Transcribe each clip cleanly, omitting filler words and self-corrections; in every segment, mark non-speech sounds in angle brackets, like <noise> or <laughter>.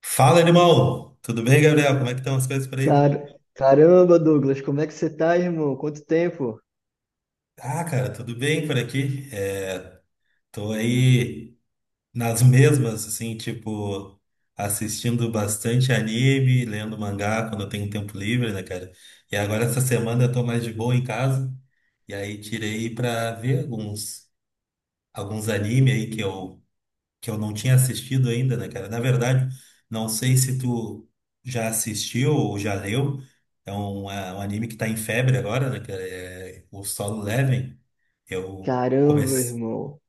Fala, irmão! Tudo bem, Gabriel? Como é que estão as coisas por aí? Caramba, Douglas, como é que você tá, irmão? Quanto tempo? Ah, cara, tudo bem por aqui. É, tô aí nas mesmas, assim, tipo, assistindo bastante anime, lendo mangá quando eu tenho tempo livre, né, cara? E agora essa semana eu tô mais de boa em casa, e aí tirei pra ver alguns anime aí que eu não tinha assistido ainda, né, cara? Na verdade, não sei se tu já assistiu ou já leu. É um anime que tá em febre agora, né, cara? É o Solo Leveling. Eu Caramba, comecei. irmão.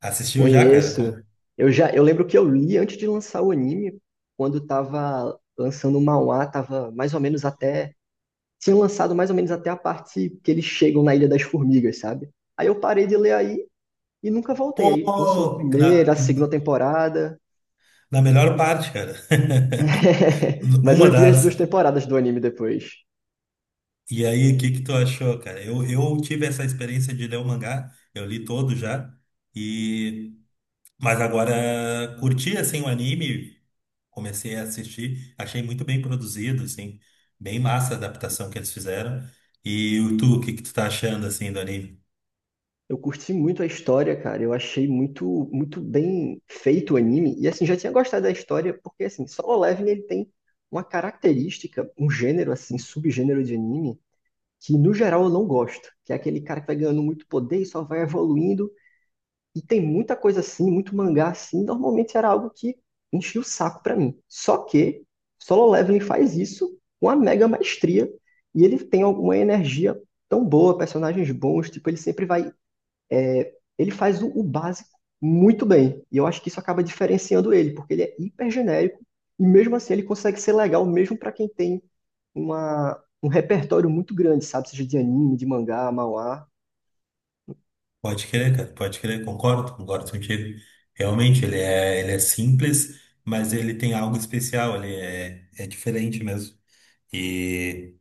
Assistiu já, cara? Conheço. Eu lembro que eu li antes de lançar o anime, quando tava lançando o manhwa, tava mais ou menos até, tinha lançado mais ou menos até a parte que eles chegam na Ilha das Formigas, sabe? Aí eu parei de ler aí e nunca voltei. Aí lançou a Pô! Na, primeira, a segunda temporada, na melhor parte, cara. <laughs> <laughs> mas Uma eu vi as das. duas temporadas do anime depois. E aí, o que que tu achou, cara? Eu tive essa experiência de ler o mangá, eu li todo já, e mas agora curti assim o anime, comecei a assistir, achei muito bem produzido, assim, bem massa a adaptação que eles fizeram. E o tu, o que que tu tá achando, assim, do anime? Eu curti muito a história, cara. Eu achei muito, muito bem feito o anime. E assim, já tinha gostado da história, porque assim, Solo Leveling ele tem uma característica, um gênero assim, subgênero de anime, que no geral eu não gosto, que é aquele cara que vai ganhando muito poder e só vai evoluindo. E tem muita coisa assim, muito mangá assim, normalmente era algo que enchia o saco pra mim. Só que Solo Leveling faz isso com a mega maestria e ele tem alguma energia tão boa, personagens bons, tipo, ele sempre vai ele faz o básico muito bem. E eu acho que isso acaba diferenciando ele, porque ele é hiper genérico e mesmo assim ele consegue ser legal mesmo para quem tem um repertório muito grande, sabe? Seja de anime, de mangá, manhwa. Pode crer, cara, pode crer, concordo contigo. Realmente, ele é simples, mas ele tem algo especial, ele é diferente mesmo. E,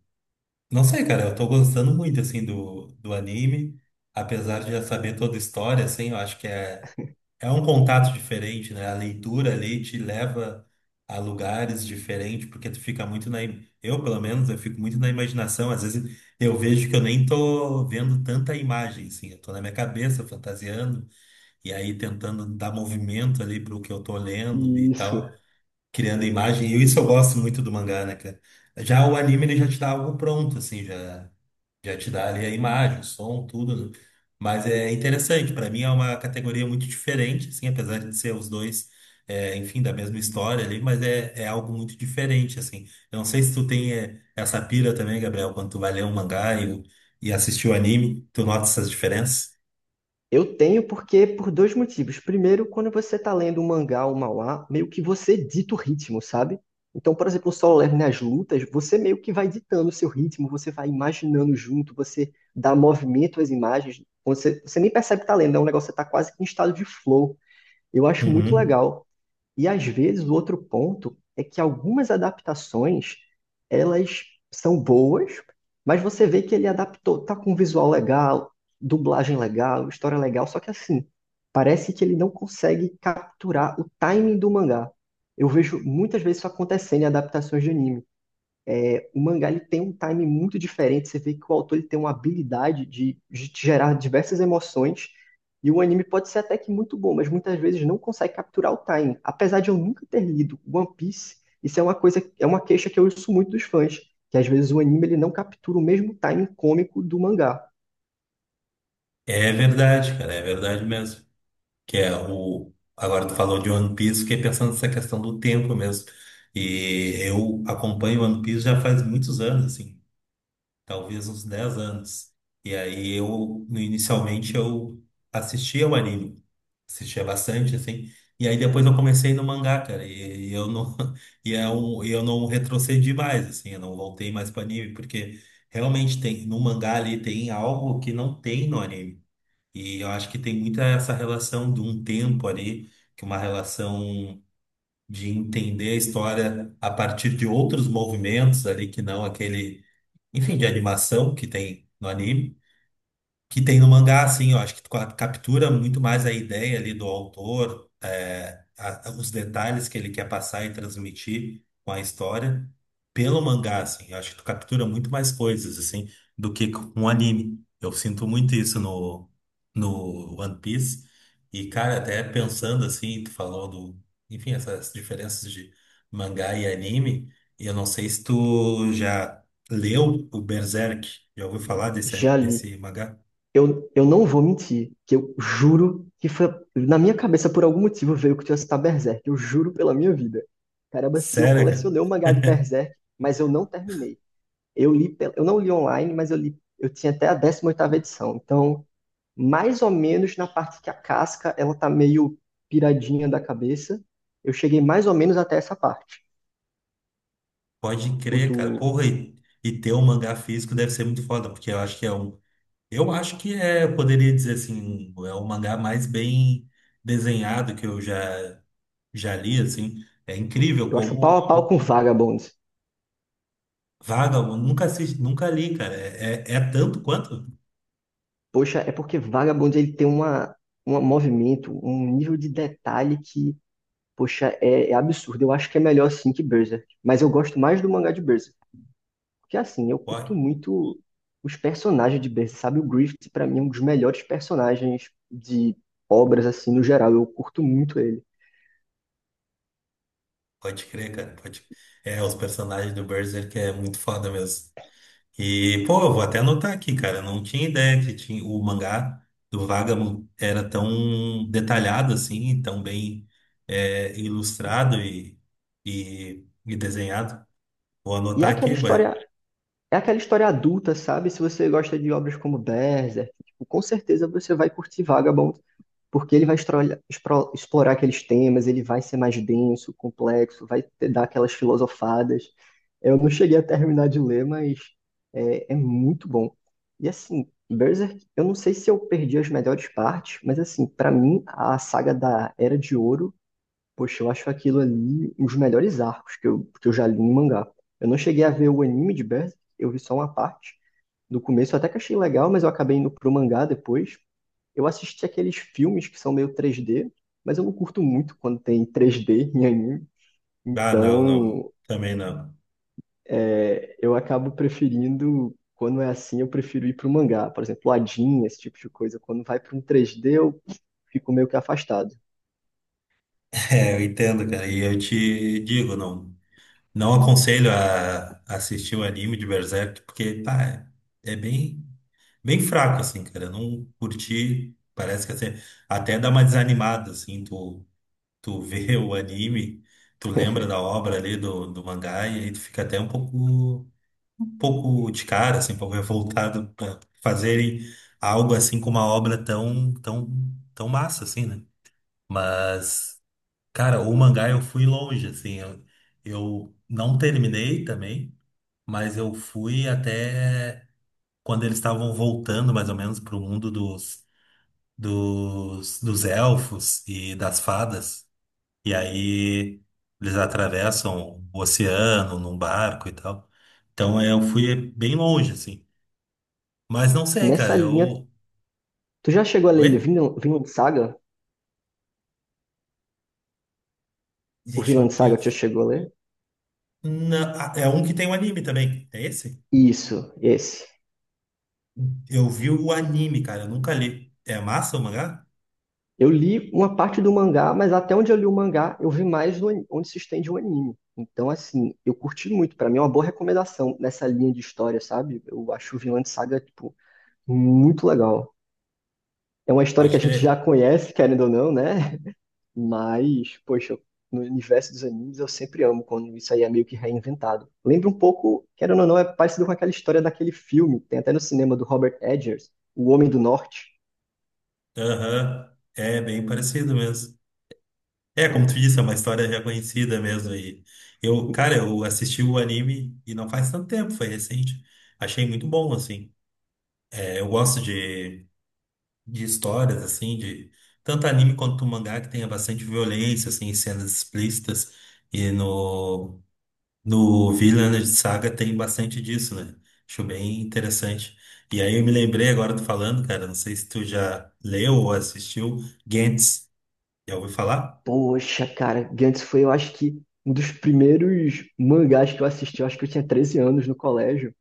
não sei, cara, eu tô gostando muito, assim, do anime, apesar de já saber toda a história, assim, eu acho que É um contato diferente, né? A leitura ali te leva a lugares diferentes, porque tu fica muito. Eu, pelo menos, eu fico muito na imaginação. Às vezes eu vejo que eu nem tô vendo tanta imagem, assim. Eu tô na minha cabeça fantasiando, e aí tentando dar movimento ali pro que eu tô E lendo e isso. tal criando imagem. E isso eu gosto muito do mangá, né, cara? Já o anime, ele já te dá algo pronto, assim, já te dá ali a imagem, o som, tudo, né? Mas é interessante, para mim é uma categoria muito diferente, assim, apesar de ser os dois, enfim, da mesma história ali, mas é algo muito diferente, assim. Eu não sei se tu tem essa pira também, Gabriel, quando tu vai ler um mangá e assistir o anime, tu nota essas diferenças? Eu tenho porque por dois motivos. Primeiro, quando você está lendo um mangá ou um manhwa, meio que você dita o ritmo, sabe? Então, por exemplo, o Solo Leveling nas lutas, você meio que vai ditando o seu ritmo, você vai imaginando junto, você dá movimento às imagens, você nem percebe que tá lendo, é um negócio que você tá quase que em estado de flow. Eu acho muito Uhum. legal. E às vezes o outro ponto é que algumas adaptações, elas são boas, mas você vê que ele adaptou, tá com um visual legal, dublagem legal, história legal, só que assim, parece que ele não consegue capturar o timing do mangá. Eu vejo muitas vezes isso acontecendo em adaptações de anime. O mangá ele tem um time muito diferente, você vê que o autor ele tem uma habilidade de gerar diversas emoções, e o anime pode ser até que muito bom, mas muitas vezes não consegue capturar o time. Apesar de eu nunca ter lido One Piece, isso é uma coisa, é uma queixa que eu ouço muito dos fãs, que às vezes o anime ele não captura o mesmo time cômico do mangá. É verdade, cara, é verdade mesmo. Que é o. Agora tu falou de One Piece, fiquei pensando nessa questão do tempo mesmo. E eu acompanho One Piece já faz muitos anos, assim, talvez uns 10 anos. E aí eu, no- inicialmente, eu assistia o anime, assistia bastante, assim. E aí depois eu comecei no mangá, cara, e eu não <laughs> e eu não retrocedi mais, assim, eu não voltei mais para anime, porque realmente tem no mangá ali tem algo que não tem no anime. E eu acho que tem muita essa relação de um tempo ali, que uma relação de entender a história a partir de outros movimentos ali, que não aquele, enfim, de animação que tem no anime que tem no mangá, assim, eu acho que captura muito mais a ideia ali do autor, os detalhes que ele quer passar e transmitir com a história pelo mangá, assim, eu acho que tu captura muito mais coisas, assim, do que com o anime. Eu sinto muito isso no One Piece. E, cara, até pensando assim, tu falou enfim, essas diferenças de mangá e anime, e eu não sei se tu já leu o Berserk, já ouviu falar desse, Já li. desse mangá? Eu não vou mentir, que eu juro que foi. Na minha cabeça, por algum motivo, veio que eu tinha citado Berserk. Eu juro pela minha vida. Caramba, sim, eu Sério, colecionei o mangá de cara? Berserk, mas eu não terminei. Eu li, eu não li online, mas eu li. Eu tinha até a 18ª edição. Então, mais ou menos na parte que a casca, ela tá meio piradinha da cabeça. Eu cheguei mais ou menos até essa parte. <laughs> Pode O crer, cara. do. Porra, e ter um mangá físico deve ser muito foda, porque eu acho que é um. Eu acho que eu poderia dizer assim, é o mangá mais bem desenhado que eu já li, assim. É incrível Eu acho pau a como. pau com Vagabond. Eu nunca assisti, nunca li, cara. É tanto quanto? Poxa, é porque Vagabond ele tem uma, um movimento, um nível de detalhe que, poxa, é absurdo. Eu acho que é melhor assim que Berserk. Mas eu gosto mais do mangá de Berserk. Porque assim, eu curto Pode, muito os personagens de Berserk, sabe? O Griffith, pra mim, é um dos melhores personagens de obras, assim, no geral. Eu curto muito ele. pode crer, cara. É, os personagens do Berserk é muito foda mesmo. E, pô, eu vou até anotar aqui, cara. Eu não tinha ideia que tinha, o mangá do Vagabond era tão detalhado assim, tão bem ilustrado e desenhado. Vou E anotar aqui, vai. É aquela história adulta, sabe? Se você gosta de obras como Berserk, tipo, com certeza você vai curtir Vagabond. Porque ele vai explorar aqueles temas, ele vai ser mais denso, complexo, dar aquelas filosofadas. Eu não cheguei a terminar de ler, mas é muito bom. E assim, Berserk, eu não sei se eu perdi as melhores partes, mas assim, pra mim, a saga da Era de Ouro, poxa, eu acho aquilo ali um dos melhores arcos que eu já li em mangá. Eu não cheguei a ver o anime de Berserk, eu vi só uma parte. No começo eu até que achei legal, mas eu acabei indo pro mangá depois. Eu assisti aqueles filmes que são meio 3D, mas eu não curto muito quando tem 3D em anime. Ah, não, não. Então, Também não. <laughs> é, eu acabo preferindo, quando é assim, eu prefiro ir para o mangá. Por exemplo, Adin, esse tipo de coisa. Quando vai para um 3D, eu fico meio que afastado. É, eu entendo, cara. E eu te digo, não aconselho a assistir o anime de Berserk, porque, pá, é bem, bem fraco, assim, cara. Eu não curti. Parece que assim, até dá uma desanimada, assim, tu vê <laughs> o anime, tu lembra da obra ali do mangá e aí tu fica até um pouco de cara, assim, um pouco revoltado para fazerem algo assim com uma obra tão, tão, tão massa, assim, né? Mas, cara, o mangá eu fui longe, assim, eu não terminei também, mas eu fui até quando eles estavam voltando mais ou menos pro mundo dos elfos e das fadas. E aí eles atravessam o oceano num barco e tal. Então eu fui bem longe, assim. Mas não sei, cara. Nessa linha, Eu. tu já chegou a Oi? ler Vinland Saga? O Deixa Vinland eu Saga, tu já pensar. chegou a ler? Ah, é um que tem um anime também. É esse? Isso, esse. Eu vi o anime, cara. Eu nunca li. É massa o mangá? Eu li uma parte do mangá, mas até onde eu li o mangá, eu vi mais do onde se estende o anime. Então, assim, eu curti muito. Pra mim é uma boa recomendação nessa linha de história, sabe? Eu acho Vinland Saga, tipo, muito legal. É uma história que Pode a gente já crer. conhece, querendo ou não, né? <laughs> Mas, poxa, no universo dos animes eu sempre amo quando isso aí é meio que reinventado. Lembra um pouco, querendo ou não, é parecido com aquela história daquele filme, tem até no cinema do Robert Edgers, O Homem do Norte. Aham. É bem parecido mesmo. É, como tu disse, é uma história já conhecida mesmo. E eu, cara, eu assisti o anime e não faz tanto tempo, foi recente. Achei muito bom, assim. É, eu gosto de histórias, assim, de tanto anime quanto mangá, que tenha bastante violência, assim, cenas explícitas. E no Vinland Saga tem bastante disso, né? Acho bem interessante. E aí eu me lembrei agora do falando, cara, não sei se tu já leu ou assistiu Gantz. Já ouviu falar? Poxa, cara, Gantz foi, eu acho que, um dos primeiros mangás que eu assisti. Eu acho que eu tinha 13 anos no colégio.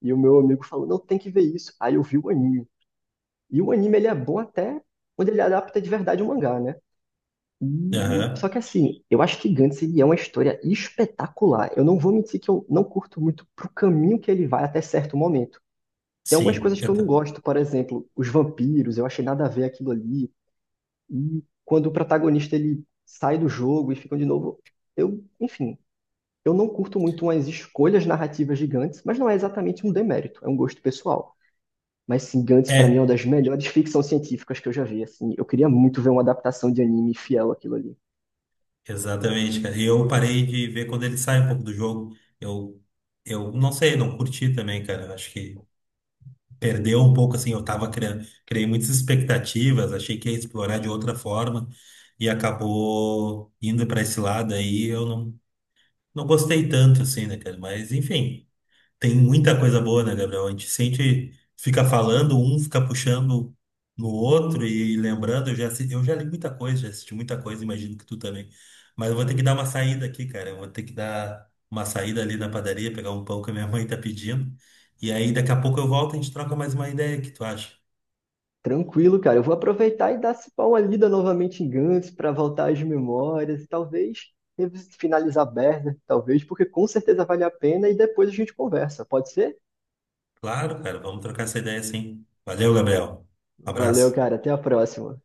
E o meu amigo falou, não, tem que ver isso. Aí eu vi o anime. E o anime, ele é bom até quando ele adapta de verdade o mangá, né? Só Aham. que assim, eu acho que Gantz, ele é uma história espetacular. Eu não vou mentir que eu não curto muito pro caminho que ele vai até certo momento. Tem algumas Sim. coisas que eu não gosto, por exemplo, os vampiros, eu achei nada a ver aquilo ali. E quando o protagonista ele sai do jogo e fica de novo, eu, enfim, eu não curto muito umas escolhas narrativas de Gantz, mas não é exatamente um demérito, é um gosto pessoal. Mas sim, Gantz pra mim é uma das É, melhores ficção científicas que eu já vi, assim. Eu queria muito ver uma adaptação de anime fiel àquilo ali. exatamente, cara. E eu parei de ver quando ele sai um pouco do jogo. Eu não sei, não curti também, cara. Eu acho que perdeu um pouco, assim, eu criei muitas expectativas, achei que ia explorar de outra forma e acabou indo para esse lado aí, eu não gostei tanto, assim, né, cara? Mas, enfim. Tem muita coisa boa, né, Gabriel? A gente sente, fica falando, um fica puxando no outro e lembrando. Eu já li muita coisa, já assisti muita coisa, imagino que tu também. Mas eu vou ter que dar uma saída aqui, cara. Eu vou ter que dar uma saída ali na padaria, pegar um pão que a minha mãe tá pedindo. E aí daqui a pouco eu volto e a gente troca mais uma ideia, o que tu acha? Tranquilo, cara, eu vou aproveitar e dar se pá, uma lida novamente em Gantz pra voltar às memórias e talvez finalizar Berserk, talvez, porque com certeza vale a pena e depois a gente conversa. Pode ser? Claro, cara, vamos trocar essa ideia sim. Valeu, Gabriel. Um Valeu, abraço. cara, até a próxima.